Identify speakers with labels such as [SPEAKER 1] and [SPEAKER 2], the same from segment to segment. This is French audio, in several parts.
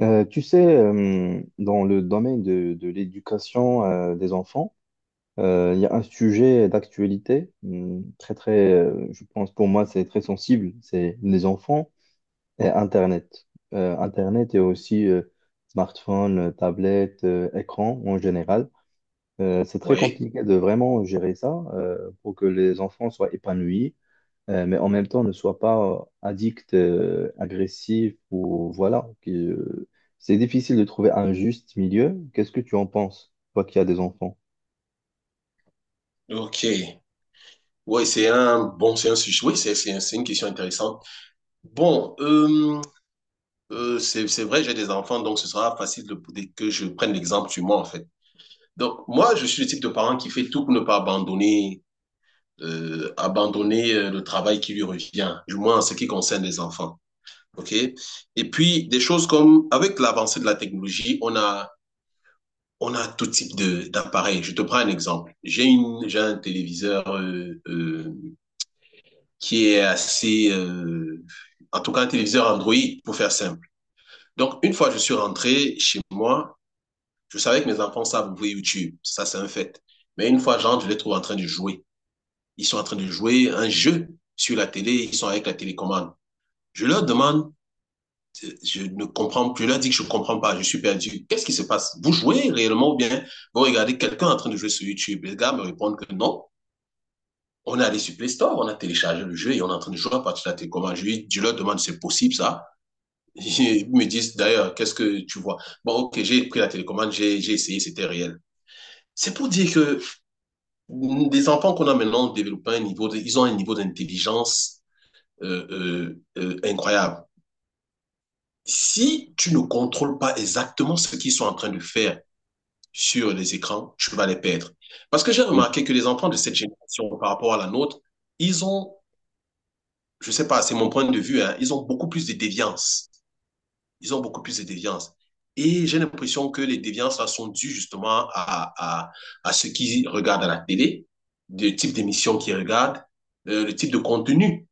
[SPEAKER 1] Tu sais, dans le domaine de l'éducation des enfants, il y a un sujet d'actualité très, très, je pense pour moi, c'est très sensible, c'est les enfants et Internet. Internet et aussi smartphone, tablette, écran en général. C'est très
[SPEAKER 2] Oui,
[SPEAKER 1] compliqué de vraiment gérer ça pour que les enfants soient épanouis, mais en même temps ne sois pas addict, agressif ou voilà. C'est difficile de trouver un juste milieu. Qu'est-ce que tu en penses, toi qui as des enfants?
[SPEAKER 2] ok. Oui, c'est un bon, c'est un sujet. Oui, c'est une question intéressante. Bon, c'est vrai, j'ai des enfants, donc ce sera facile de, que je prenne l'exemple sur moi, en fait. Donc, moi, je suis le type de parent qui fait tout pour ne pas abandonner, abandonner le travail qui lui revient, du moins en ce qui concerne les enfants. OK? Et puis, des choses comme, avec l'avancée de la technologie, on a tout type de, d'appareils. Je te prends un exemple. J'ai une, j'ai un téléviseur qui est assez, en tout cas un téléviseur Android, pour faire simple. Donc, une fois que je suis rentré chez moi, je savais que mes enfants savent ouvrir YouTube, ça c'est un fait. Mais une fois, j'entre, je les trouve en train de jouer. Ils sont en train de jouer un jeu sur la télé, ils sont avec la télécommande. Je leur demande, je ne comprends plus, je leur dis que je ne comprends pas, je suis perdu. Qu'est-ce qui se passe? Vous jouez réellement ou bien vous regardez quelqu'un en train de jouer sur YouTube? Les gars me répondent que non, on est allé sur Play Store, on a téléchargé le jeu et on est en train de jouer à partir de la télécommande. Je leur demande, c'est possible ça? Ils me disent d'ailleurs, qu'est-ce que tu vois? Bon, ok, j'ai pris la télécommande, j'ai essayé, c'était réel. C'est pour dire que les enfants qu'on a maintenant développent ils ont un niveau d'intelligence incroyable. Si tu ne contrôles pas exactement ce qu'ils sont en train de faire sur les écrans, tu vas les perdre. Parce que j'ai
[SPEAKER 1] Oui.
[SPEAKER 2] remarqué que les enfants de cette génération par rapport à la nôtre, ils ont, je sais pas, c'est mon point de vue, hein, ils ont beaucoup plus de déviance. Ils ont beaucoup plus de déviances. Et j'ai l'impression que les déviances là, sont dues justement à ce qu'ils regardent à la télé, le type d'émission qu'ils regardent, le type de contenu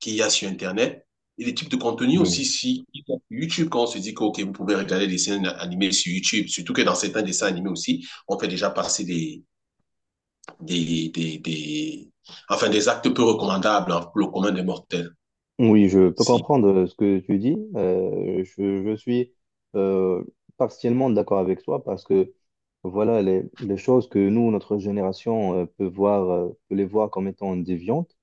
[SPEAKER 2] qu'il y a sur Internet et le type de contenu
[SPEAKER 1] Oui.
[SPEAKER 2] aussi si YouTube, quand on se dit que okay, vous pouvez regarder des dessins animés sur YouTube, surtout que dans certains dessins animés aussi, on fait déjà passer des enfin, des actes peu recommandables hein, pour le commun des mortels.
[SPEAKER 1] Oui, je peux
[SPEAKER 2] Si,
[SPEAKER 1] comprendre ce que tu dis. Je suis euh, partiellement d'accord avec toi parce que voilà les choses que nous, notre génération, peut voir, peut les voir comme étant déviantes.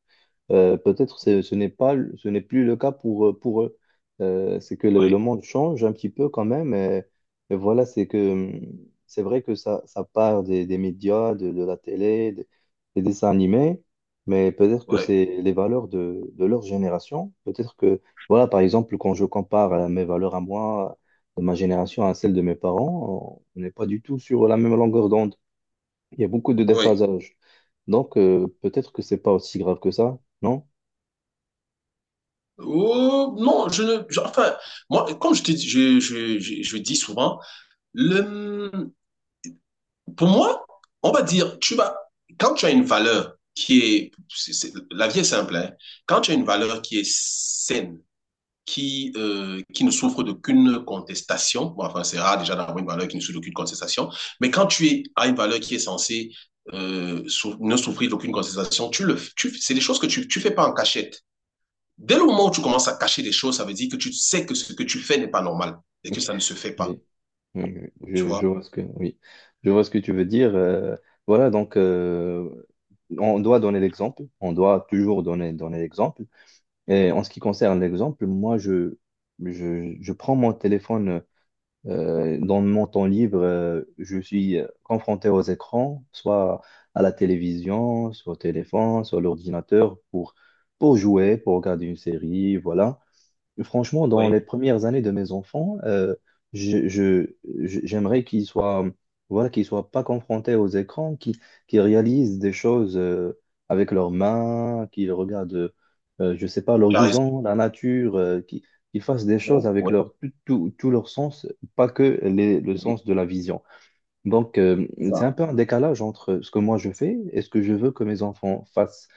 [SPEAKER 1] Peut-être ce n'est pas, ce n'est plus le cas pour eux. C'est que le,
[SPEAKER 2] oui,
[SPEAKER 1] le monde change un petit peu quand même. Et voilà, c'est que c'est vrai que ça part des médias, de la télé, des dessins animés, mais peut-être que
[SPEAKER 2] oui,
[SPEAKER 1] c'est les valeurs de leur génération. Peut-être que, voilà, par exemple, quand je compare mes valeurs à moi, de ma génération à celle de mes parents, on n'est pas du tout sur la même longueur d'onde. Il y a beaucoup de
[SPEAKER 2] oui.
[SPEAKER 1] déphasage. Donc, peut-être que c'est pas aussi grave que ça, non?
[SPEAKER 2] Oh, non, je ne. Je- enfin, moi, comme je te dis, je dis souvent, le, pour moi, on va dire, tu vas, quand tu as une valeur qui est, la vie est simple, hein. Quand tu as une valeur qui est saine, qui ne souffre d'aucune contestation, bon, enfin, c'est rare déjà d'avoir une valeur qui ne souffre d'aucune contestation, mais quand tu es, as une valeur qui est censée ne souffrir d'aucune contestation, tu le, tu, c'est des choses que tu fais pas en cachette. Dès le moment où tu commences à cacher des choses, ça veut dire que tu sais que ce que tu fais n'est pas normal et que ça ne se fait pas.
[SPEAKER 1] Oui, oui, oui,
[SPEAKER 2] Tu vois?
[SPEAKER 1] je vois ce que, oui, je vois ce que tu veux dire. Voilà, donc on doit donner l'exemple, on doit toujours donner, donner l'exemple. Et en ce qui concerne l'exemple, moi, je prends mon téléphone dans mon temps libre. Je suis confronté aux écrans, soit à la télévision, soit au téléphone, soit à l'ordinateur, pour jouer, pour regarder une série, voilà. Franchement, dans
[SPEAKER 2] Oui.
[SPEAKER 1] les premières années de mes enfants, je, je- j'aimerais voilà, qu'ils soient pas confrontés aux écrans, qu'ils réalisent des choses avec leurs mains, qu'ils regardent, je sais pas,
[SPEAKER 2] Tu as raison.
[SPEAKER 1] l'horizon, la nature, qu'ils fassent des choses avec
[SPEAKER 2] Oui,
[SPEAKER 1] leur, tout, tout, tout leur sens, pas que le
[SPEAKER 2] oui,
[SPEAKER 1] sens de la vision. Donc,
[SPEAKER 2] c'est
[SPEAKER 1] c'est un
[SPEAKER 2] ça.
[SPEAKER 1] peu un décalage entre ce que moi je fais et ce que je veux que mes enfants fassent.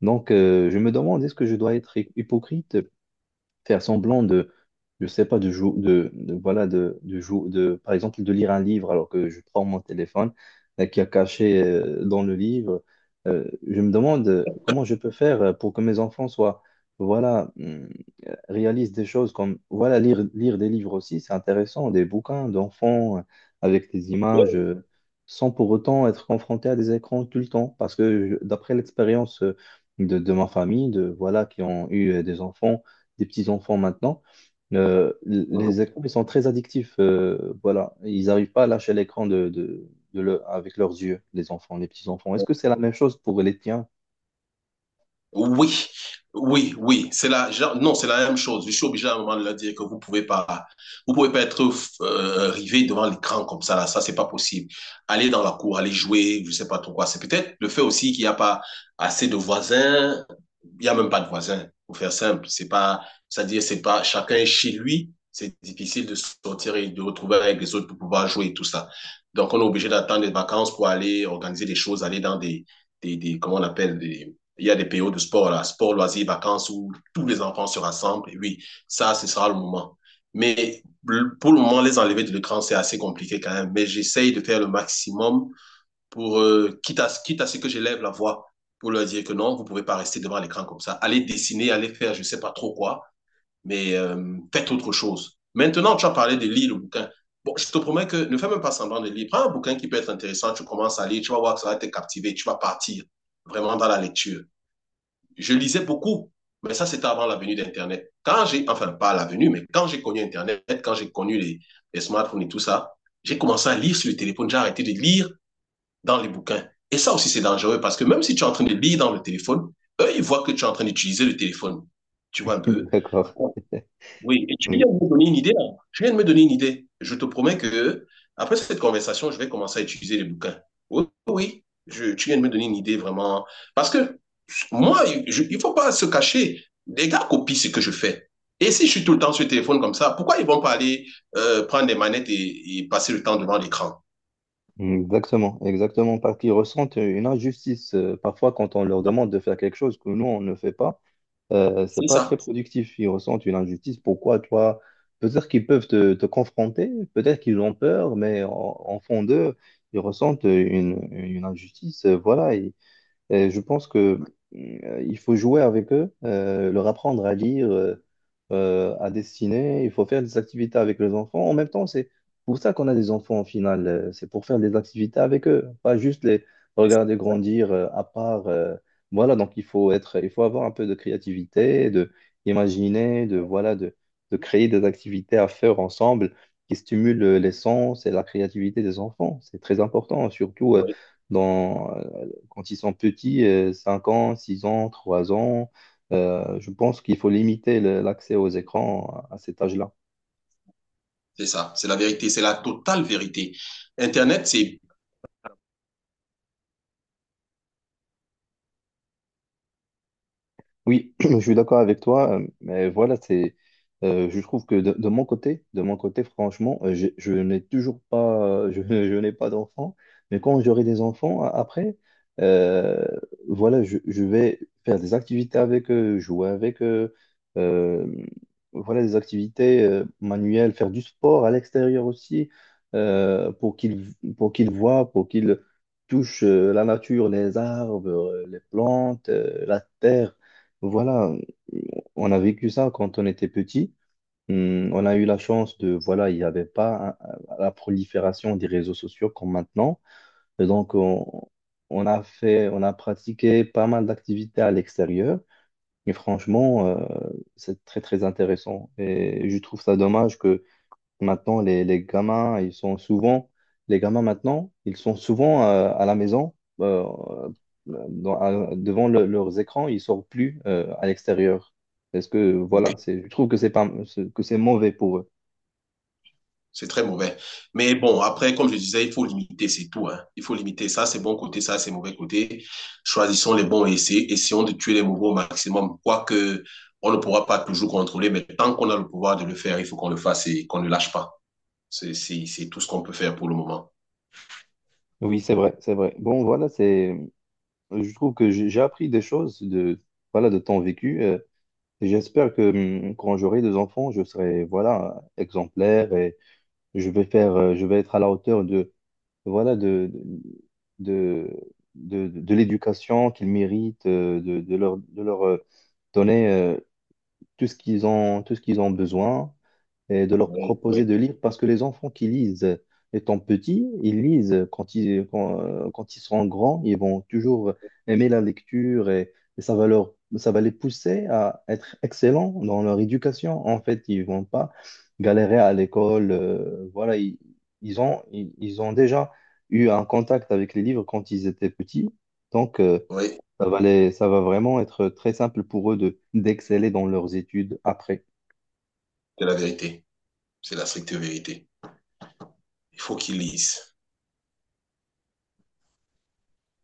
[SPEAKER 1] Donc, je me demande, est-ce que je dois être hypocrite? Faire semblant de, je sais pas, de jouer, voilà, de, par exemple, de lire un livre alors que je prends mon téléphone qui est caché dans le livre. Je me demande comment je peux faire pour que mes enfants soient, voilà, réalisent des choses comme, voilà, lire, lire des livres aussi, c'est intéressant, des bouquins d'enfants avec des images. Sans pour autant être confronté à des écrans tout le temps. D'après l'expérience de ma famille, de, voilà, qui ont eu des enfants, des petits enfants maintenant, les écrans, ils sont très addictifs. Voilà, ils n'arrivent pas à lâcher l'écran avec leurs yeux, les enfants, les petits enfants. Est-ce que c'est la même chose pour les tiens?
[SPEAKER 2] Oui, oui, oui, c'est la, non, c'est la même chose. Je suis obligé à un moment de leur dire que vous pouvez pas être rivé devant l'écran comme ça là, ça c'est pas possible. Aller dans la cour, aller jouer, je sais pas trop quoi. C'est peut-être le fait aussi qu'il n'y a pas assez de voisins. Il y a même pas de voisins. Pour faire simple, c'est pas, c'est-à-dire c'est pas, chacun est chez lui. C'est difficile de sortir et de retrouver avec les autres pour pouvoir jouer et tout ça. Donc on est obligé d'attendre les vacances pour aller organiser des choses, aller dans des, comment on appelle des il y a des périodes de sport, là, sport, loisirs, vacances, où tous les enfants se rassemblent. Et oui, ça, ce sera le moment. Mais pour le moment, les enlever de l'écran, c'est assez compliqué quand même. Mais j'essaye de faire le maximum pour, quitte, à, quitte à ce que j'élève la voix, pour leur dire que non, vous ne pouvez pas rester devant l'écran comme ça. Allez dessiner, allez faire je ne sais pas trop quoi, mais faites autre chose. Maintenant, tu as parlé de lire le bouquin. Bon, je te promets que ne fais même pas semblant de lire. Prends un bouquin qui peut être intéressant, tu commences à lire, tu vas voir que ça va te captiver, tu vas partir vraiment dans la lecture. Je lisais beaucoup, mais ça, c'était avant la venue d'Internet. Quand j'ai, enfin, pas la venue, mais quand j'ai connu Internet, quand j'ai connu les smartphones et tout ça, j'ai commencé à lire sur le téléphone, j'ai arrêté de lire dans les bouquins. Et ça aussi, c'est dangereux parce que même si tu es en train de lire dans le téléphone, eux, ils voient que tu es en train d'utiliser le téléphone. Tu vois un peu.
[SPEAKER 1] D'accord.
[SPEAKER 2] Oui, et tu
[SPEAKER 1] Mm.
[SPEAKER 2] viens de me donner une idée là. Tu viens de me donner une idée. Je te promets que après cette conversation, je vais commencer à utiliser les bouquins. Oui, oui, oui. Tu viens de me donner une idée vraiment. Parce que moi, il ne faut pas se cacher. Les gars copient ce que je fais. Et si je suis tout le temps sur le téléphone comme ça, pourquoi ils vont pas aller prendre des manettes et passer le temps devant l'écran?
[SPEAKER 1] Exactement, exactement, parce qu'ils ressentent une injustice parfois quand on leur demande de faire quelque chose que nous, on ne fait pas. C'est
[SPEAKER 2] C'est
[SPEAKER 1] pas très
[SPEAKER 2] ça.
[SPEAKER 1] productif. Ils ressentent une injustice. Pourquoi toi? Peut-être qu'ils peuvent te confronter, peut-être qu'ils ont peur, mais en fond d'eux, ils ressentent une injustice. Voilà, et je pense que il faut jouer avec eux, leur apprendre à lire, à dessiner. Il faut faire des activités avec les enfants. En même temps, c'est pour ça qu'on a des enfants au final. C'est pour faire des activités avec eux, pas juste les
[SPEAKER 2] C'est ça.
[SPEAKER 1] regarder grandir à part. Voilà, donc il faut être, il faut avoir un peu de créativité, de imaginer, de voilà, de créer des activités à faire ensemble qui stimulent les sens et la créativité des enfants. C'est très important, surtout.
[SPEAKER 2] Oui,
[SPEAKER 1] Dans, quand ils sont petits, 5 ans, 6 ans, 3 ans, je pense qu'il faut limiter l'accès aux écrans à cet âge-là.
[SPEAKER 2] c'est ça. C'est la vérité. C'est la totale vérité. Internet, c'est...
[SPEAKER 1] Oui, je suis d'accord avec toi, mais voilà, c'est, je trouve que de mon côté, franchement, je n'ai toujours pas, euh, je, je n'ai pas d'enfant, mais quand j'aurai des enfants après, euh, voilà, je vais faire des activités avec eux, jouer avec eux, euh, voilà, des activités manuelles, faire du sport à l'extérieur aussi, euh, pour qu'ils, pour qu'ils voient, pour qu'ils touchent la nature, les arbres, les plantes, la terre. Voilà, euh, on a vécu ça quand on était petit. On a eu la chance de, voilà, il n'y avait pas la prolifération des réseaux sociaux comme maintenant. Et donc, on a fait, on a pratiqué pas mal d'activités à l'extérieur. Mais franchement, c'est très, très intéressant. Et je trouve ça dommage que. Maintenant, les gamins, ils sont souvent, les gamins maintenant, ils sont souvent à la maison, euh, devant leurs écrans, ils sortent plus à l'extérieur. Parce que
[SPEAKER 2] ouais,
[SPEAKER 1] voilà, je trouve que c'est pas, c'est- que c'est mauvais pour eux.
[SPEAKER 2] c'est très mauvais. Mais bon, après, comme je disais, il faut limiter, c'est tout, hein. Il faut limiter ça, c'est bon côté, ça, c'est mauvais côté. Choisissons les bons et essayons de tuer les mauvais au maximum. Quoique, on ne pourra pas toujours contrôler, mais tant qu'on a le pouvoir de le faire, il faut qu'on le fasse et qu'on ne lâche pas. C'est tout ce qu'on peut faire pour le moment.
[SPEAKER 1] Oui, c'est vrai, c'est vrai. Bon, voilà, c'est, je trouve que j'ai appris des choses de, voilà, de temps vécu. Et j'espère que quand j'aurai des enfants, je serai, voilà, exemplaire et je vais faire, je vais être à la hauteur voilà, de, de l'éducation qu'ils méritent, de leur donner tout ce qu'ils ont, tout ce qu'ils ont besoin et de leur
[SPEAKER 2] Oui, oui,
[SPEAKER 1] proposer de lire parce que les enfants qui lisent étant petits, ils lisent quand quand, quand ils seront grands, ils vont toujours aimer la lecture et ça va leur, ça va les pousser à être excellents dans leur éducation. En fait, ils vont pas galérer à l'école. Voilà, ils ont déjà eu un contact avec les livres quand ils étaient petits. Donc,
[SPEAKER 2] oui,
[SPEAKER 1] ça va ça va vraiment être très simple pour eux de, d'exceller dans leurs études après.
[SPEAKER 2] c'est la vérité. C'est la stricte vérité. Il faut qu'ils lisent.